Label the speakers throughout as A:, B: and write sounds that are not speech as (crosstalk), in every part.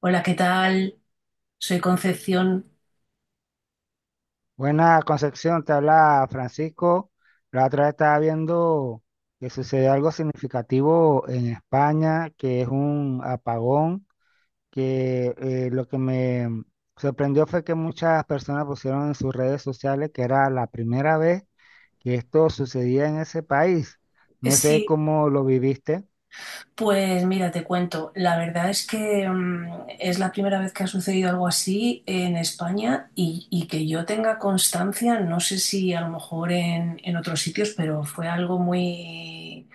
A: Hola, ¿qué tal? Soy Concepción.
B: Buena Concepción, te habla Francisco. La otra vez estaba viendo que sucedió algo significativo en España, que es un apagón, que lo que me sorprendió fue que muchas personas pusieron en sus redes sociales que era la primera vez que esto sucedía en ese país. No sé
A: Sí,
B: cómo lo viviste.
A: pues mira, te cuento. La verdad es que es la primera vez que ha sucedido algo así en España y que yo tenga constancia, no sé si a lo mejor en otros sitios, pero fue algo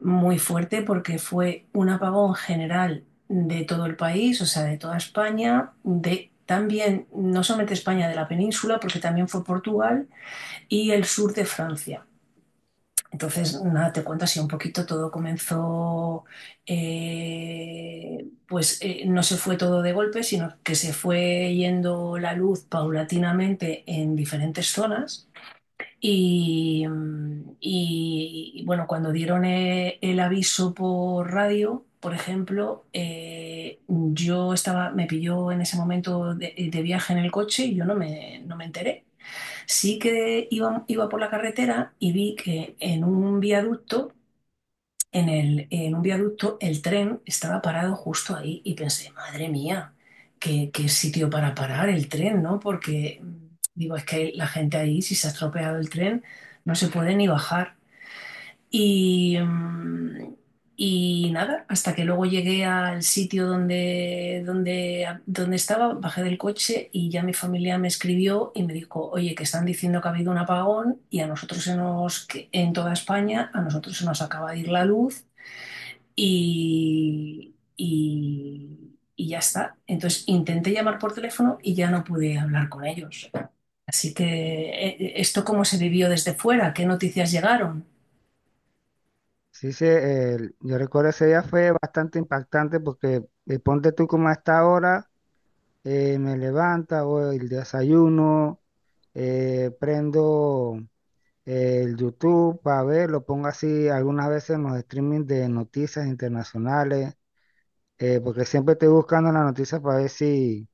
A: muy fuerte porque fue un apagón general de todo el país, o sea, de toda España, de también, no solamente España, de la península, porque también fue Portugal y el sur de Francia. Entonces, nada, te cuento así un poquito, todo no se fue todo de golpe, sino que se fue yendo la luz paulatinamente en diferentes zonas. Bueno, cuando dieron el aviso por radio, por ejemplo, yo me pilló en ese momento de viaje en el coche y yo no no me enteré. Sí que iba por la carretera y vi que en un viaducto, en un viaducto, el tren estaba parado justo ahí y pensé, madre mía, qué sitio para parar el tren, ¿no? Porque digo, es que la gente ahí, si se ha estropeado el tren, no se puede ni bajar. Y, mm, y nada, hasta que luego llegué al sitio donde, donde estaba, bajé del coche y ya mi familia me escribió y me dijo, oye, que están diciendo que ha habido un apagón y a nosotros se nos, que en toda España, a nosotros se nos acaba de ir la luz y ya está. Entonces intenté llamar por teléfono y ya no pude hablar con ellos. Así que, ¿esto cómo se vivió desde fuera? ¿Qué noticias llegaron?
B: Sí, sí, yo recuerdo ese día fue bastante impactante porque ponte tú como a esta hora. Me levanto, hago el desayuno, prendo el YouTube para ver, lo pongo así algunas veces en los streaming de noticias internacionales, porque siempre estoy buscando las noticias para ver si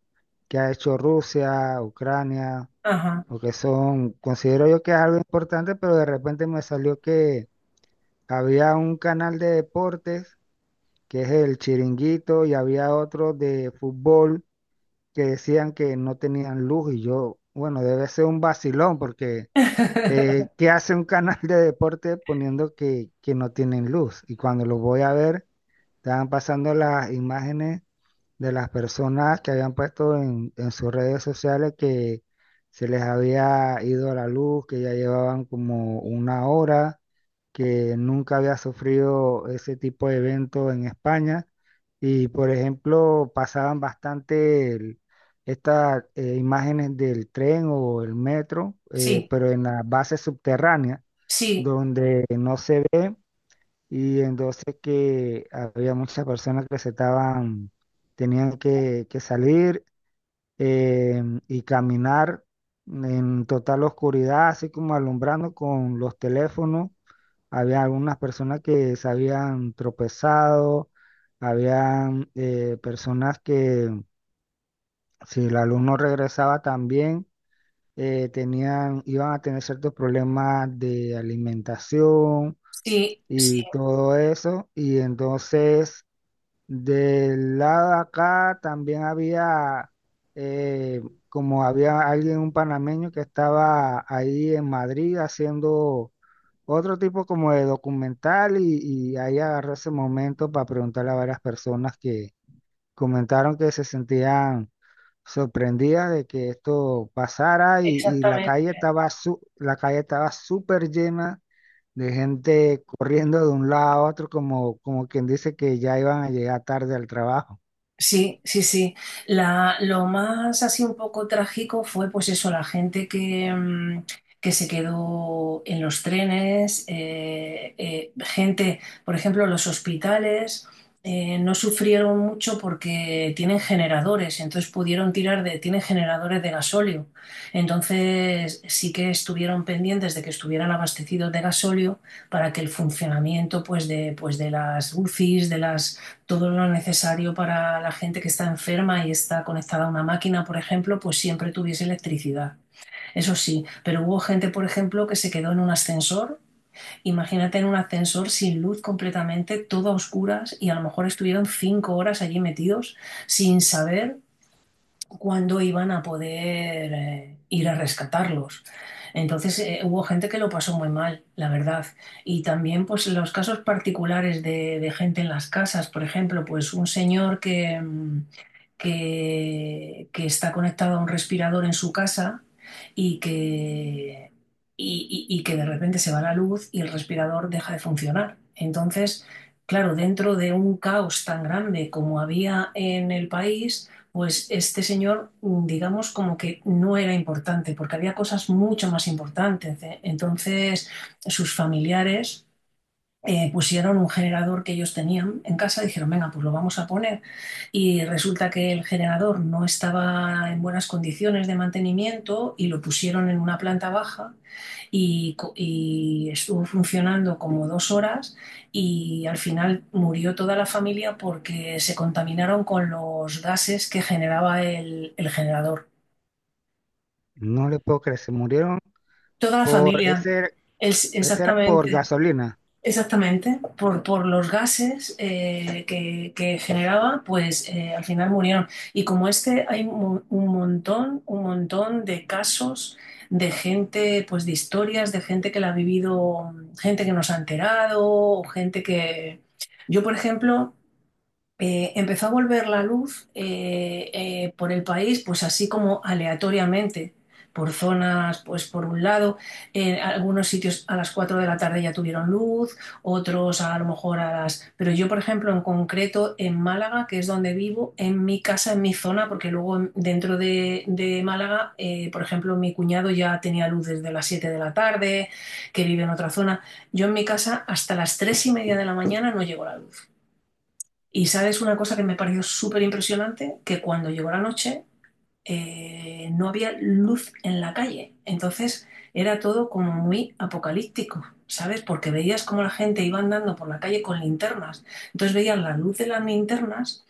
B: qué ha hecho Rusia, Ucrania,
A: Ajá.
B: o que son, considero yo que es algo importante, pero de repente me salió que había un canal de deportes, que es el Chiringuito, y había otro de fútbol que decían que no tenían luz y yo, bueno, debe ser un vacilón porque
A: (laughs)
B: ¿qué hace un canal de deporte poniendo que no tienen luz? Y cuando lo voy a ver, estaban pasando las imágenes de las personas que habían puesto en sus redes sociales que se les había ido la luz, que ya llevaban como una hora, que nunca había sufrido ese tipo de evento en España. Y por ejemplo, estas imágenes del tren o el metro,
A: Sí,
B: pero en la base subterránea,
A: sí,
B: y entonces que había muchas personas que se estaban, tenían que salir eh, y caminar en total oscuridad, así como alumbrando con los teléfonos. Había algunas personas que se habían tropezado, habían personas que si el alumno regresaba también, tenían, iban a tener ciertos problemas de alimentación
A: sí, sí,
B: y todo eso. Y entonces... Del lado de acá también había, eh, como había alguien, un panameño que estaba ahí en Madrid haciendo otro tipo como de documental y ahí agarré ese momento para preguntarle a varias personas que comentaron que se sentían sorprendida de que esto pasara y la
A: exactamente.
B: calle estaba la calle estaba súper llena de gente corriendo de un lado a otro como, como quien dice que ya iban a llegar tarde al trabajo.
A: Sí, sí, sí. La, lo más así un poco trágico fue pues eso, la gente que se quedó en los trenes, gente, por ejemplo, los hospitales no sufrieron mucho porque tienen generadores, entonces pudieron tirar de, tienen generadores de gasóleo. Entonces sí que estuvieron pendientes de que estuvieran abastecidos de gasóleo para que el funcionamiento pues de las UCIs, de las todo lo necesario para la gente que está enferma y está conectada a una máquina, por ejemplo, pues siempre tuviese electricidad. Eso sí, pero hubo gente, por ejemplo, que se quedó en un ascensor. Imagínate en un ascensor sin luz completamente, todo a oscuras y a lo mejor estuvieron cinco horas allí metidos sin saber cuándo iban a poder ir a rescatarlos. Entonces hubo gente que lo pasó muy mal, la verdad. Y también pues los casos particulares de gente en las casas, por ejemplo, pues un señor que está conectado a un respirador en su casa y que, y que de repente se va la luz y el respirador deja de funcionar. Entonces, claro, dentro de un caos tan grande como había en el país, pues este señor, mm, digamos, como que no era importante, porque había cosas mucho más importantes, ¿eh? Entonces, sus familiares pusieron un generador que ellos tenían en casa, dijeron, venga, pues lo vamos a poner. Y resulta que el generador no estaba en buenas condiciones de mantenimiento y lo pusieron en una planta baja y estuvo funcionando como dos horas y al final murió toda la familia porque se contaminaron con los gases que generaba el generador.
B: No le puedo creer, se murieron
A: Toda la
B: por
A: familia,
B: ese, ese era por
A: exactamente.
B: gasolina.
A: Exactamente, por los gases que generaba, pues al final murieron. Y como este, hay un montón de casos de gente, pues de historias, de gente que la ha vivido, gente que nos ha enterado, o gente que... Yo, por ejemplo, empezó a volver la luz por el país, pues así como aleatoriamente, por zonas, pues por un lado, en algunos sitios a las 4 de la tarde ya tuvieron luz, otros a lo mejor a las... Pero yo, por ejemplo, en concreto en Málaga, que es donde vivo, en mi casa, en mi zona, porque luego dentro de Málaga, por ejemplo, mi cuñado ya tenía luz desde las 7 de la tarde, que vive en otra zona. Yo en mi casa hasta las 3 y media de la mañana no llegó la luz. Y sabes una cosa que me pareció súper impresionante, que cuando llegó la noche no había luz en la calle. Entonces era todo como muy apocalíptico, ¿sabes? Porque veías cómo la gente iba andando por la calle con linternas. Entonces veías la luz de las linternas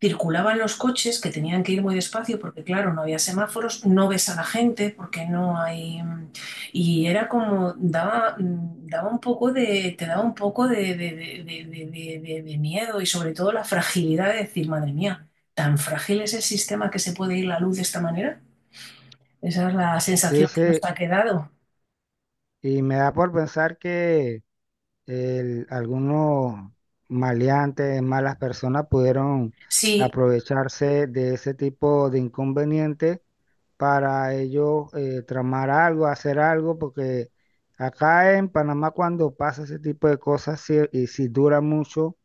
A: circulaban los coches que tenían que ir muy despacio porque, claro, no había semáforos, no ves a la gente porque no hay... Y era como, daba un poco de, te daba un poco de miedo y sobre todo la fragilidad de decir, madre mía, ¿tan frágil es el sistema que se puede ir la luz de esta manera? Esa es la
B: Sí,
A: sensación que
B: sí,
A: nos ha quedado.
B: y me da por pensar que algunos maleantes, malas personas pudieron
A: Sí,
B: aprovecharse de ese tipo de inconvenientes para ellos tramar algo, hacer algo, porque acá en Panamá cuando pasa ese tipo de cosas y si dura mucho,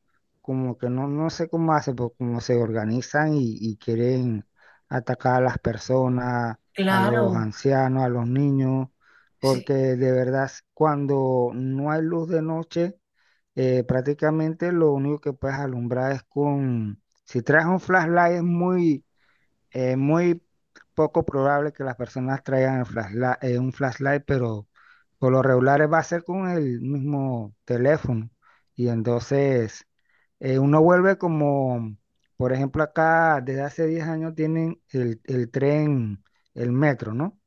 B: como que no, no sé cómo hacen, pues como se organizan y quieren atacar a las personas, a los
A: claro,
B: ancianos, a los niños, porque
A: sí,
B: de verdad cuando no hay luz de noche, prácticamente lo único que puedes alumbrar es con, si traes un flashlight es muy poco probable que las personas traigan un flashlight, pero por lo regular va a ser con el mismo teléfono. Y entonces uno vuelve como, por ejemplo, acá desde hace 10 años tienen el tren, el metro, ¿no?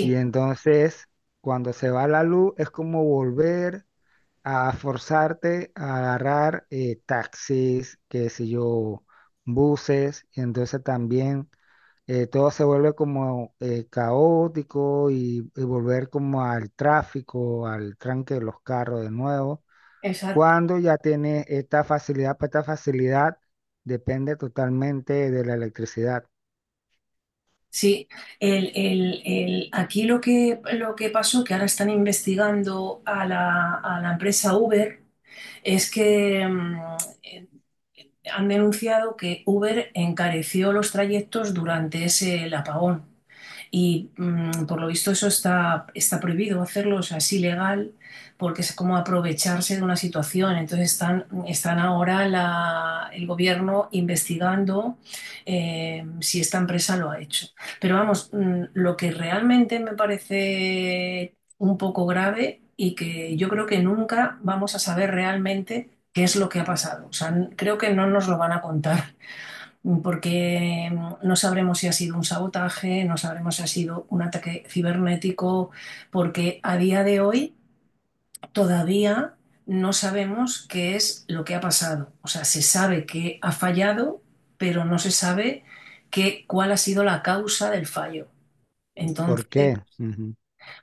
B: Y entonces cuando se va la luz es como volver a forzarte a agarrar taxis, qué sé yo, buses, y entonces también todo se vuelve como caótico y volver como al tráfico, al tranque de los carros de nuevo. Cuando ya tiene esta facilidad, pues esta facilidad depende totalmente de la electricidad.
A: sí, aquí lo que pasó, que ahora están investigando a a la empresa Uber, es que eh, han denunciado que Uber encareció los trayectos durante ese el apagón. Y mm, por lo visto eso está prohibido hacerlo, o sea, es ilegal, porque es como aprovecharse de una situación. Entonces están ahora el gobierno investigando si esta empresa lo ha hecho. Pero vamos, mm, lo que realmente me parece un poco grave y que yo creo que nunca vamos a saber realmente qué es lo que ha pasado. O sea, creo que no nos lo van a contar, (laughs) porque mm, no sabremos si ha sido un sabotaje, no sabremos si ha sido un ataque cibernético, porque a día de hoy todavía no sabemos qué es lo que ha pasado. O sea, se sabe que ha fallado, pero no se sabe cuál ha sido la causa del fallo.
B: ¿Por
A: Entonces,
B: qué? Ujú.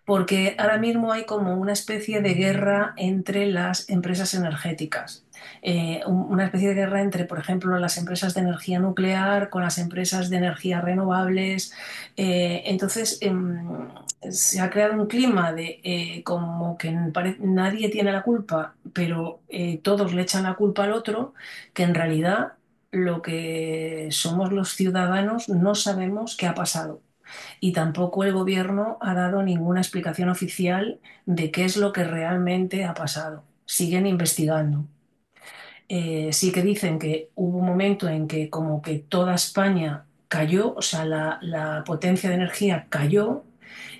A: porque ahora mismo hay como una especie de guerra entre las empresas energéticas. Una especie de guerra entre, por ejemplo, las empresas de energía nuclear con las empresas de energías renovables. Eh, entonces, em, se ha creado un clima de como que nadie tiene la culpa, pero todos le echan la culpa al otro, que en realidad lo que somos los ciudadanos no sabemos qué ha pasado y tampoco el gobierno ha dado ninguna explicación oficial de qué es lo que realmente ha pasado. Siguen investigando. Sí que dicen que hubo un momento en que como que toda España cayó, o sea, la potencia de energía cayó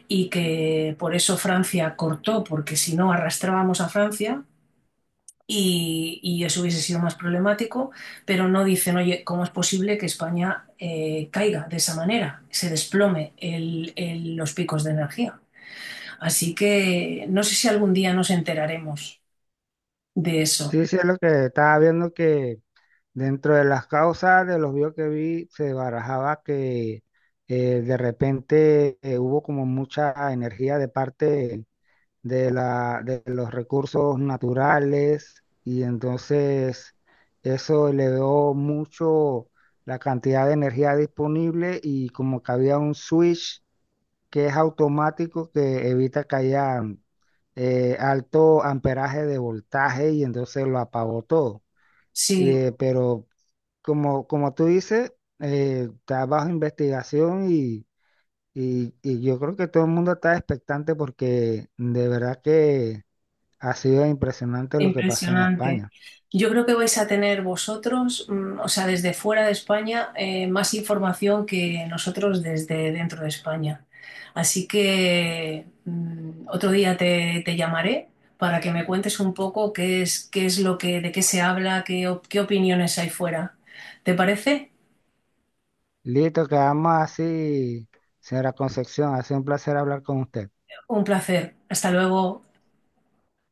A: y que por eso Francia cortó, porque si no arrastrábamos a Francia y eso hubiese sido más problemático, pero no dicen, oye, ¿cómo es posible que España caiga de esa manera? Se desplome los picos de energía. Así que no sé si algún día nos enteraremos de eso.
B: Sí, sí, es lo que estaba viendo que dentro de las causas de los videos que vi se barajaba que de repente hubo como mucha energía de parte de de los recursos naturales y entonces eso elevó mucho la cantidad de energía disponible y como que había un switch que es automático que evita que haya alto amperaje de voltaje y entonces lo apagó todo.
A: Sí,
B: Pero como, como tú dices, está bajo investigación y yo creo que todo el mundo está expectante porque de verdad que ha sido impresionante lo que pasó en
A: impresionante.
B: España.
A: Yo creo que vais a tener vosotros, mm, o sea, desde fuera de España, más información que nosotros desde dentro de España. Así que mm, otro día te llamaré para que me cuentes un poco qué es lo que, de qué se habla, qué opiniones hay fuera. ¿Te parece?
B: Listo, quedamos así, señora Concepción. Ha sido un placer hablar con usted.
A: Un placer. Hasta luego.